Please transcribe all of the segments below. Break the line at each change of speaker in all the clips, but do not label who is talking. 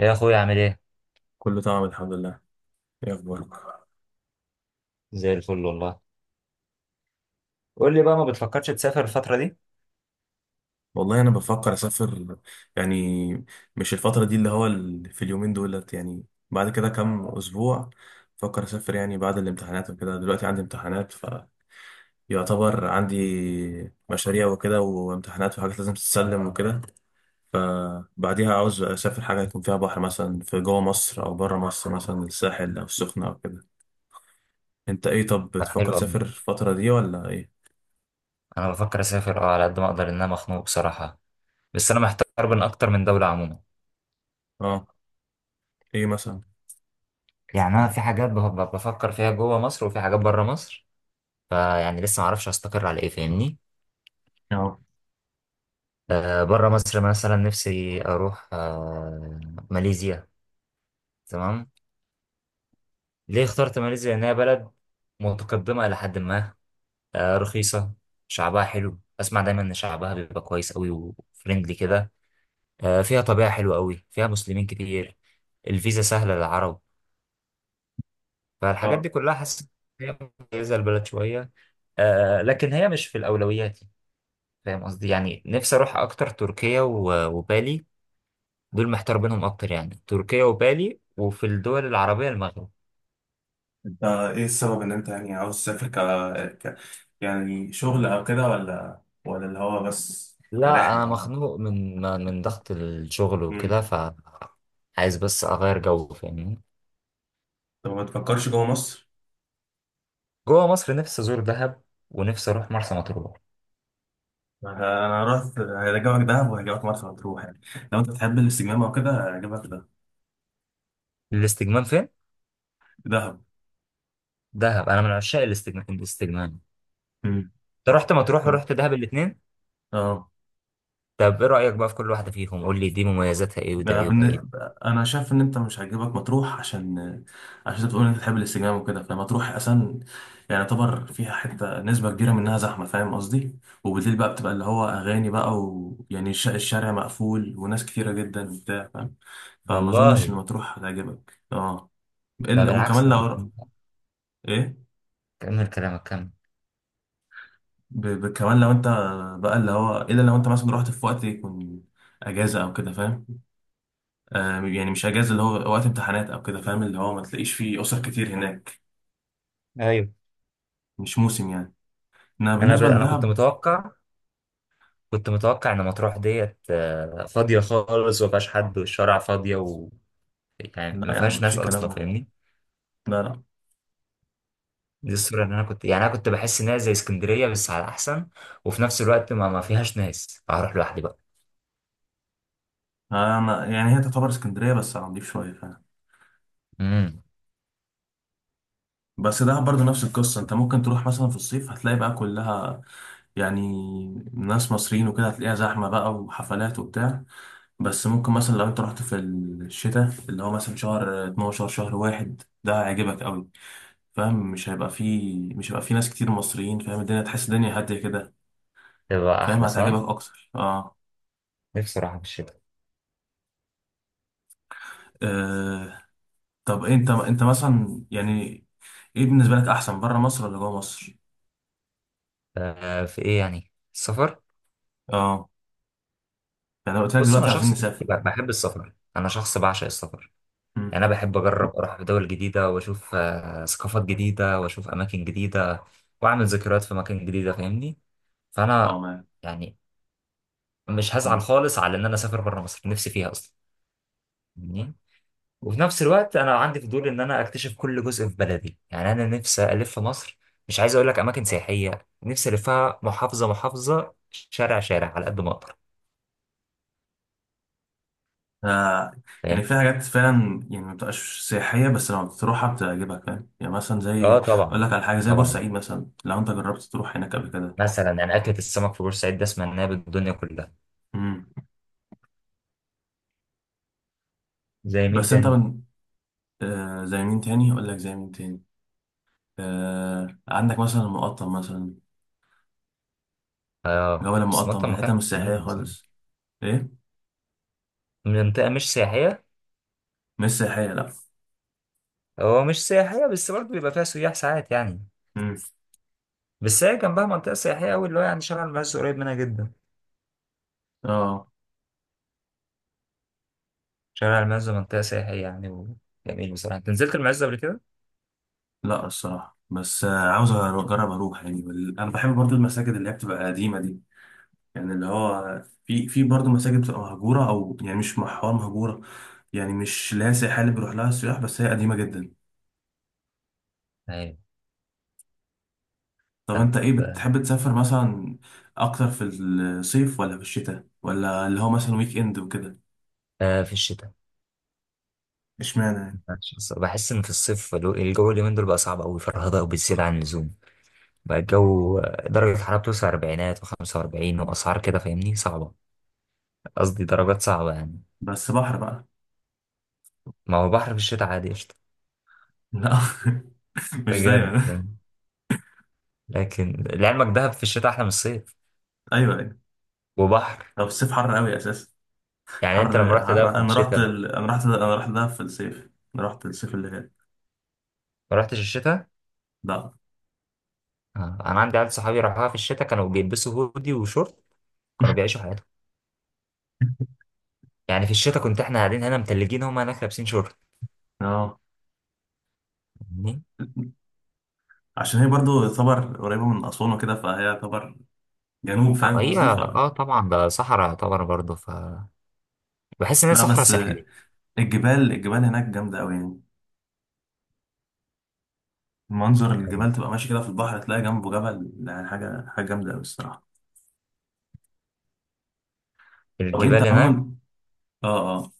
يا اخويا عامل ايه؟
كله تمام الحمد لله. ايه اخبارك؟
زي الفل والله. قول لي بقى، ما بتفكرش تسافر الفترة دي؟
والله انا بفكر اسافر يعني مش الفتره دي، اللي هو في اليومين دولت يعني بعد كده كام اسبوع. بفكر اسافر يعني بعد الامتحانات وكده. دلوقتي عندي امتحانات فيعتبر عندي مشاريع وكده وامتحانات وحاجات لازم تتسلم وكده. فبعديها عاوز اسافر حاجه يكون فيها بحر مثلا، في جوه مصر او بره مصر، مثلا الساحل او السخنه او كده. انت ايه؟ طب
طب
بتفكر
حلو
تسافر
قوي.
الفتره دي ولا ايه؟
انا بفكر اسافر، اه، على قد ما اقدر، ان انا مخنوق بصراحه. بس انا محتار بين اكتر من دوله عموما.
اه. ايه مثلا؟
يعني انا في حاجات بفكر فيها جوه مصر وفي حاجات بره مصر. فيعني لسه ما اعرفش استقر على ايه، فاهمني؟ بره مصر مثلا نفسي اروح ماليزيا. تمام. ليه اخترت ماليزيا؟ لانها بلد متقدمه الى حد ما، رخيصه، شعبها حلو، اسمع دايما ان شعبها بيبقى كويس قوي وفريندلي كده. فيها طبيعة حلوة قوي، فيها مسلمين كتير، الفيزا سهلة للعرب. فالحاجات
اه.
دي كلها حاسس إن هي مميزة البلد شوية. لكن هي مش في الأولويات، فاهم قصدي؟ يعني نفسي أروح أكتر تركيا وبالي. دول محتار بينهم أكتر، يعني تركيا وبالي، وفي الدول العربية المغرب.
انت ايه السبب ان انت يعني عاوز تسافر ك... يعني شغل او كده ولا اللي هو بس
لا
رحلة
أنا
يعني؟
مخنوق من ضغط الشغل وكده،
امم.
ف عايز بس أغير جو، فاهمني؟
طب ما تفكرش جوه مصر؟
جوه مصر نفسي أزور دهب، ونفسي أروح مرسى مطروح.
انا أنا رحت هرجعك دهب وهرجعك مرسى مطروح يعني. لو انت بتحب الاستجمام او كده هرجعك ده.
الاستجمام فين؟
دهب.
دهب. أنا من عشاق الاستجمام الاستجمام.
مم.
انت رحت مطروح ورحت دهب الاثنين؟
اه.
طب ايه رأيك بقى في كل واحدة فيهم؟ قول لي دي مميزاتها ايه ودي
بقى
عيوبها
بالن-
ايه.
انا شايف ان انت مش هيعجبك مطروح، عشان عشان انت بتقول ان انت بتحب الاستجمام وكده. فمطروح اصلا يعني يعتبر فيها حته، نسبه كبيره منها زحمه، فاهم قصدي؟ وبالليل بقى بتبقى اللي هو اغاني بقى، ويعني الشارع مقفول وناس كتيره جدا وبتاع، فاهم؟ فما اظنش ان
والله
مطروح هتعجبك. اه.
ده
الا
بالعكس،
وكمان لو. ايه؟
كمل كلامك كمل.
كمان لو انت بقى اللي هو، الا لو انت مثلا رحت في وقت يكون اجازه او كده، فاهم؟ آه، يعني مش اجازه، اللي هو وقت امتحانات او كده، فاهم اللي هو ما تلاقيش فيه اسر كتير هناك.
ايوه،
مش موسم يعني. انا بالنسبه
انا كنت
لدهب.
متوقع، كنت متوقع ان مطروح ديت فاضية خالص وما فيهاش حد والشارع فاضية و يعني ما
لا يا عم،
فيهاش
مفيش
ناس
الكلام
اصلا،
ده.
فاهمني؟
لا.
دي الصورة اللي انا كنت، يعني انا كنت بحس انها زي اسكندرية بس على احسن، وفي نفس الوقت ما فيهاش ناس فهروح لوحدي بقى.
آه، انا يعني هي تعتبر اسكندريه بس على نضيف شويه، فاهم؟
امم.
بس دهب برضه نفس القصه. انت ممكن تروح مثلا في الصيف هتلاقي بقى كلها يعني ناس مصريين وكده، هتلاقيها زحمه بقى وحفلات وبتاع. بس ممكن مثلا لو انت رحت في الشتاء، اللي هو مثلا شهر 12 شهر واحد، ده هيعجبك قوي. فاهم؟ مش هيبقى فيه، مش هيبقى فيه ناس كتير مصريين، فاهم؟ الدنيا، تحس الدنيا هادية كده.
تبقى
فاهم،
احلى، صح؟
هتعجبك أكتر. اه.
نفسي اروح في الشتاء.
آه. طب أنت، أنت مثلا يعني إيه بالنسبة لك أحسن، بره مصر ولا جوه مصر؟
في ايه يعني السفر؟
اه. يعني لو قلت لك
بص، انا
دلوقتي عاوزين
شخص
نسافر.
بحب السفر، انا شخص بعشق السفر.
مم.
يعني انا بحب اجرب اروح دول جديده واشوف ثقافات جديده واشوف اماكن جديده واعمل ذكريات في اماكن جديده، فاهمني؟
اه،
فانا
معاك.
يعني مش هزعل
مم.
خالص على ان انا اسافر بره مصر، نفسي فيها اصلا، فاهمني؟ وفي نفس الوقت انا عندي فضول ان انا اكتشف كل جزء في بلدي. يعني انا نفسي الف مصر، مش عايز اقول لك اماكن سياحيه، نفسي الفها محافظه محافظه، شارع شارع، على قد ما اقدر،
آه.
فاهم؟
يعني في حاجات فعلا يعني ما بتبقاش سياحية، بس لما بتروحها بتعجبك، فاهم يعني؟ مثلا
اه
زي، أقول
طبعا.
لك على حاجة زي
طبعا،
بورسعيد مثلا، لو أنت جربت تروح هناك قبل كده.
مثلا يعني أكلة السمك في بورسعيد ده سمعناها بالدنيا كلها.
مم.
زي مين
بس أنت
تاني؟
من، آه زي مين تاني؟ أقول لك زي مين تاني، آه عندك مثلا المقطم مثلا. جبل
بس
المقطم هي
مطعم
حتة
مكان
مش سياحية
جميل بصراحة.
خالص. ايه،
منطقة مش سياحية.
مش سياحية، لا.
هو مش سياحية، بس برضه بيبقى فيها سياح ساعات يعني.
مم.
بس هي جنبها منطقة سياحية أوي، اللي هو يعني شارع المعز قريب منها جدا.
اه.
شارع المعز منطقة سياحية يعني، وجميل بصراحة. أنت نزلت المعز قبل كده؟
لا الصراحة، بس آه عاوز اجرب اروح يعني. انا بحب برضو المساجد اللي هي بتبقى قديمة دي، يعني اللي هو في في برضو مساجد بتبقى مهجورة، او يعني مش محور مهجورة، يعني مش لا سياحية اللي بيروح لها السياح، بس هي قديمة جدا.
أيوة.
طب
طب
انت ايه، بتحب تسافر مثلا اكتر في الصيف ولا في الشتاء، ولا اللي هو مثلا ويك اند وكده؟
في الشتاء.
اشمعنى يعني؟
بحس إن في الصيف الجو اليومين دول بقى صعب أوي، فرهضة وبتزيد عن اللزوم. بقى الجو درجة الحرارة بتوصل أربعينات وخمسة وأربعين وأسعار كده، فاهمني؟ صعبة. قصدي درجات صعبة يعني.
بس بحر بقى؟
ما هو بحر في الشتاء عادي قشطة.
لا. مش
بجد،
دايما.
لكن لعلمك دهب في الشتاء أحلى من الصيف.
ايوه ايوه.
وبحر.
هو في الصيف حر قوي اساسا.
يعني أنت لما
حر.
رحت
حر.
دهب في
انا رحت
الشتاء؟
انا رحت، انا رحت دهب في الصيف. انا رحت الصيف اللي فات.
ما رحتش الشتاء؟
لا.
آه. أنا عندي عيال صحابي راحوها في الشتاء، كانوا بيلبسوا هودي وشورت، كانوا بيعيشوا حياتهم. يعني في الشتاء كنت إحنا قاعدين هنا متلجين، هم هناك لابسين شورت،
اه،
فاهمني؟
عشان هي برضو تعتبر قريبه من اسوان وكده، فهي تعتبر جنوب فاهم
هي
قصدي ف.
اه طبعا ده صحراء يعتبر برضه ف بحس ان هي
لا
صحراء
بس،
ساحلية.
الجبال هناك جامده قوي يعني. منظر
يعني
الجبال، تبقى ماشي كده في البحر تلاقي جنبه جبل، يعني حاجه، حاجه جامده قوي الصراحه. طب انت
الجبال هناك.
عموما. اه. آه.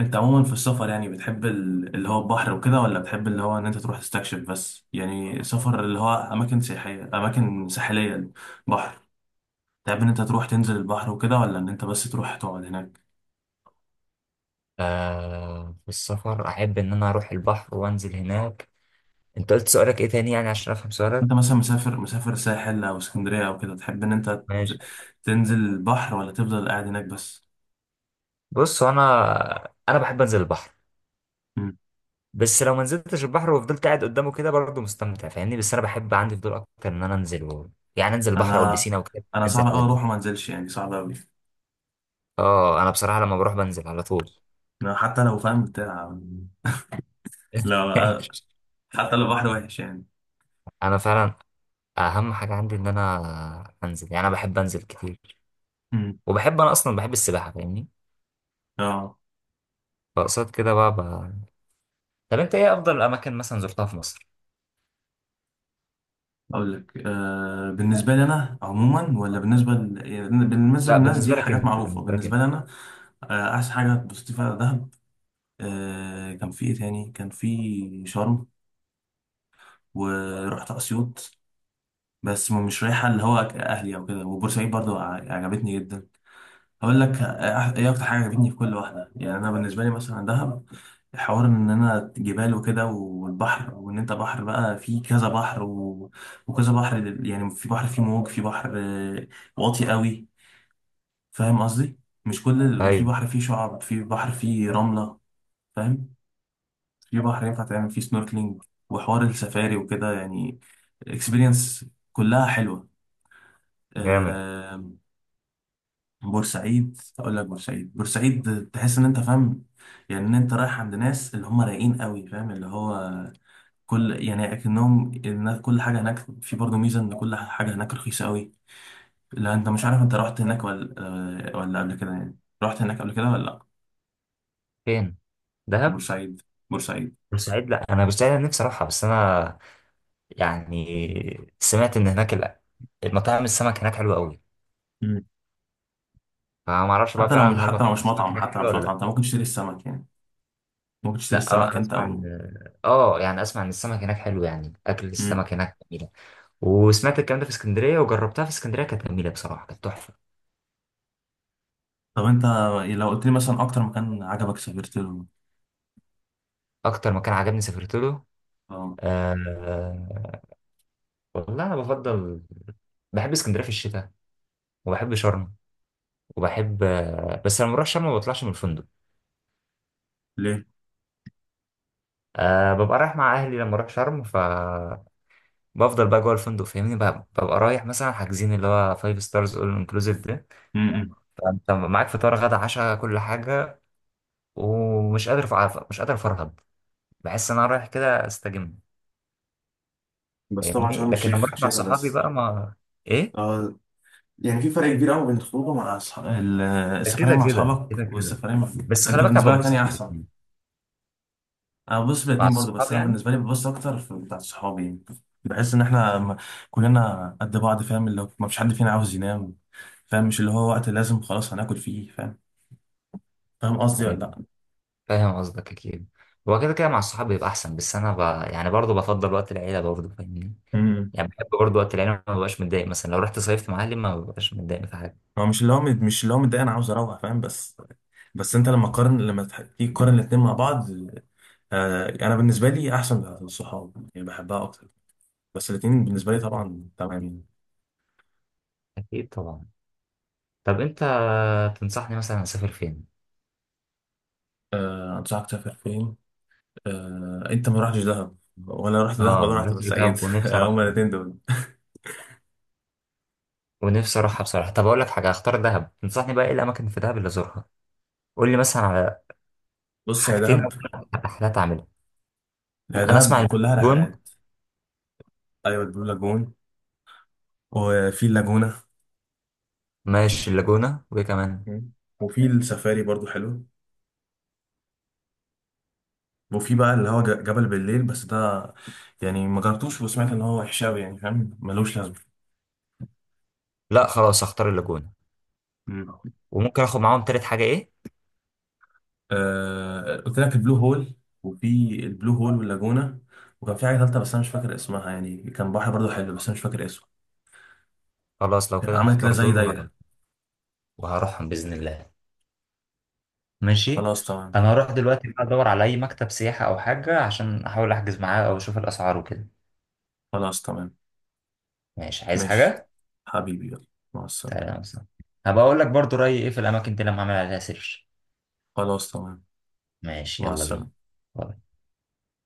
انت عموما في السفر يعني بتحب اللي هو البحر وكده، ولا بتحب اللي هو ان انت تروح تستكشف بس، يعني سفر اللي هو اماكن سياحية، اماكن ساحلية، بحر؟ تحب ان انت تروح تنزل البحر وكده، ولا ان انت بس تروح تقعد هناك؟
في السفر احب ان انا اروح البحر وانزل هناك. انت قلت سؤالك ايه تاني يعني عشان افهم سؤالك؟
انت مثلا مسافر ساحل او اسكندرية او كده، تحب ان انت
ماشي.
تنزل البحر، ولا تفضل قاعد هناك بس؟
بص، هو انا بحب انزل البحر.
مم.
بس لو ما نزلتش البحر وفضلت قاعد قدامه كده برضه مستمتع، فاهمني؟ بس انا بحب، عندي فضول اكتر ان انا يعني انزل البحر او
انا،
البسينه وكده،
انا
انزل
صعب قوي
الحاجات
اروح
دي.
وما انزلش يعني، صعب قوي.
اه انا بصراحه لما بروح بنزل على طول.
حتى لو فاهم بتاع. لا. حتى لو بحر وحش يعني.
انا فعلا اهم حاجه عندي ان انا انزل، يعني انا بحب انزل كتير.
مم.
وبحب، انا اصلا بحب السباحه، فاهمني؟
اه.
فقصاد كده بقى، طب انت ايه افضل الاماكن مثلا زرتها في مصر؟
اقول لك، آه بالنسبه لي انا عموما، ولا بالنسبه يعني بالنسبه
لا
للناس
بالنسبه
دي
لك
حاجات
انت،
معروفه،
بالنسبه لك
بالنسبه
انت.
لي انا؟ آه، احسن حاجه اتبسطت فيها دهب. آه، كان في ايه تاني؟ كان في شرم. ورحت اسيوط، بس مش رايحه اللي هو اهلي او كده. وبورسعيد برضو عجبتني جدا. هقول لك ايه اكتر حاجه عجبتني في كل واحده. يعني انا بالنسبه لي مثلا دهب، حوار ان انا جبال وكده والبحر، وان انت بحر بقى، في كذا بحر و... وكذا بحر يعني في بحر فيه موج، في بحر آه، واطي قوي، فاهم قصدي؟ مش كل وفي
ايوه.
بحر فيه شعاب، في بحر فيه رمله، فاهم؟ في بحر ينفع تعمل فيه سنوركلينج، وحوار السفاري وكده يعني، اكسبيرينس. كلها حلوه.
جامد.
آه. بورسعيد، اقول لك بورسعيد. بورسعيد تحس ان انت فاهم يعني ان انت رايح عند ناس اللي هم رايقين قوي، فاهم؟ اللي هو كل يعني اكنهم الناس. كل حاجه هناك في برضه ميزه ان كل حاجه هناك رخيصه قوي. لا انت مش عارف، انت رحت هناك ولا، ولا قبل كده؟ يعني رحت هناك قبل كده ولا لا؟
فين؟ دهب؟
بورسعيد. بورسعيد.
بورسعيد؟ لا انا بورسعيد انا نفسي اروحها، بس انا يعني سمعت ان هناك المطاعم السمك هناك حلوه قوي.
مم.
فما اعرفش بقى
حتى لو
فعلا
مش،
هل
حتى لو
مطاعم
مش
السمك
مطعم،
هناك
حتى لو
حلوه
مش
ولا
مطعم انت
لا.
ممكن تشتري السمك يعني. ممكن تشتري
لا اه
السمك
انا
انت
اسمع
او.
ان اه يعني اسمع ان السمك هناك حلو، يعني اكل
مم.
السمك هناك جميله. وسمعت الكلام ده في اسكندريه وجربتها في اسكندريه، كانت جميله بصراحه، كانت تحفه.
طب انت، لو قلت لي مثلا اكتر مكان عجبك سافرت له.
اكتر مكان عجبني سافرت له؟
اه.
آه. والله انا بفضل، بحب اسكندريه في الشتاء، وبحب شرم، وبحب، بس لما بروح شرم ما بطلعش من الفندق.
ليه؟
أه، ببقى رايح مع اهلي لما اروح شرم، ف بفضل بقى جوه الفندق، فاهمني؟ ببقى رايح مثلا حاجزين اللي هو فايف ستارز اول انكلوسيف ده، فانت معاك فطار غدا عشاء كل حاجه، ومش قادر مش قادر افرهد. بحس ان انا رايح كده استجم،
بس طبعا
فاهمني؟
شرم
لكن لما
الشيخ
اروح مع
شتاء
صحابي
بس.
بقى ما ايه،
اه. يعني في فرق كبير قوي بين الخروج مع اصحاب
ده
السفرية
كده
مع
كده كده
اصحابك،
كده.
والسفرية مع.
بس
انت
خلي بالك انا
بالنسبة لك انهي
ببسط في
احسن؟
الاتنين.
انا ببص
مع
الاتنين برضو، بس
الصحاب
انا
يعني.
بالنسبة لي ببص اكتر في بتاعت صحابي يعني. بحس ان احنا كلنا قد بعض، فاهم اللي هو ما فيش حد فينا عاوز ينام، فاهم؟ مش اللي هو وقت لازم خلاص هناكل فيه، فاهم؟ فاهم قصدي ولا
هيبقى-
لا؟
فاهم قصدك اكيد. هو كده كده مع الصحاب بيبقى احسن، بس يعني برضه بفضل وقت العيله برضه، فاهمني؟
امم.
يعني بحب برضه وقت العيلة، ما ببقاش متضايق. مثلا لو رحت صيفت مع أهلي ما ببقاش متضايق في حاجة.
هو مش اللي هو مش اللي هو متضايق، انا عاوز اروح فاهم بس، بس انت لما قارن، لما تيجي تقارن الاتنين مع بعض. آه، انا بالنسبه لي احسن بتاعت الصحاب يعني، بحبها اكتر. بس الاثنين بالنسبه لي طبعا تمام يعني.
أكيد طبعا. طب أنت تنصحني مثلا أسافر فين؟
أه انصحك تسافر فين. أه، انت ما رحتش دهب، ولا رحت دهب
آه
ولا
ما
رحت
رحتش
بورسعيد؟
دهب ونفسي
هما
أروحها،
الاثنين دول.
ونفسي أروحها بصراحة. طب أقول لك حاجة، هختار دهب. تنصحني بقى إيه الأماكن في دهب اللي أزورها؟ قول لي مثلا على
بص يا
حاجتين أو
دهب.
ثلاث رحلات أعملها.
يا
أنا أسمع
دهب كلها
اللاجون.
رحلات. ايوه البلو لاجون. وفي اللاجونه.
ماشي اللاجونة، وإيه كمان؟
مم. وفي السفاري برضو حلو. وفي بقى اللي هو جبل بالليل، بس ده يعني ما جربتوش، وسمعت ان هو وحش أوي يعني، فاهم ملوش لازمه.
لا خلاص هختار اللاجونة،
مم.
وممكن آخد معاهم تالت حاجة إيه؟
آه قلت لك البلو هول. وفي، البلو هول واللاجونة. وكان في حاجة تالتة بس أنا مش فاكر اسمها، يعني كان بحر برضو حلو، بس أنا مش فاكر اسمه.
خلاص لو
كان
كده
عمل كده
هختار
زي
دول
دايرة.
وهروحهم بإذن الله. ماشي.
خلاص تمام.
انا هروح دلوقتي بقى ادور على اي مكتب سياحة او حاجة عشان احاول احجز معاه او اشوف الاسعار وكده.
خلاص تمام.
ماشي، عايز
ماشي.
حاجة؟
حبيبي يلا، مع السلامة.
سلام سلام. هبقى اقول لك برضو رأيي ايه في الاماكن دي لما اعمل عليها سيرش.
خلاص تمام.
ماشي
مع
يلا بينا.
السلامة.
باي.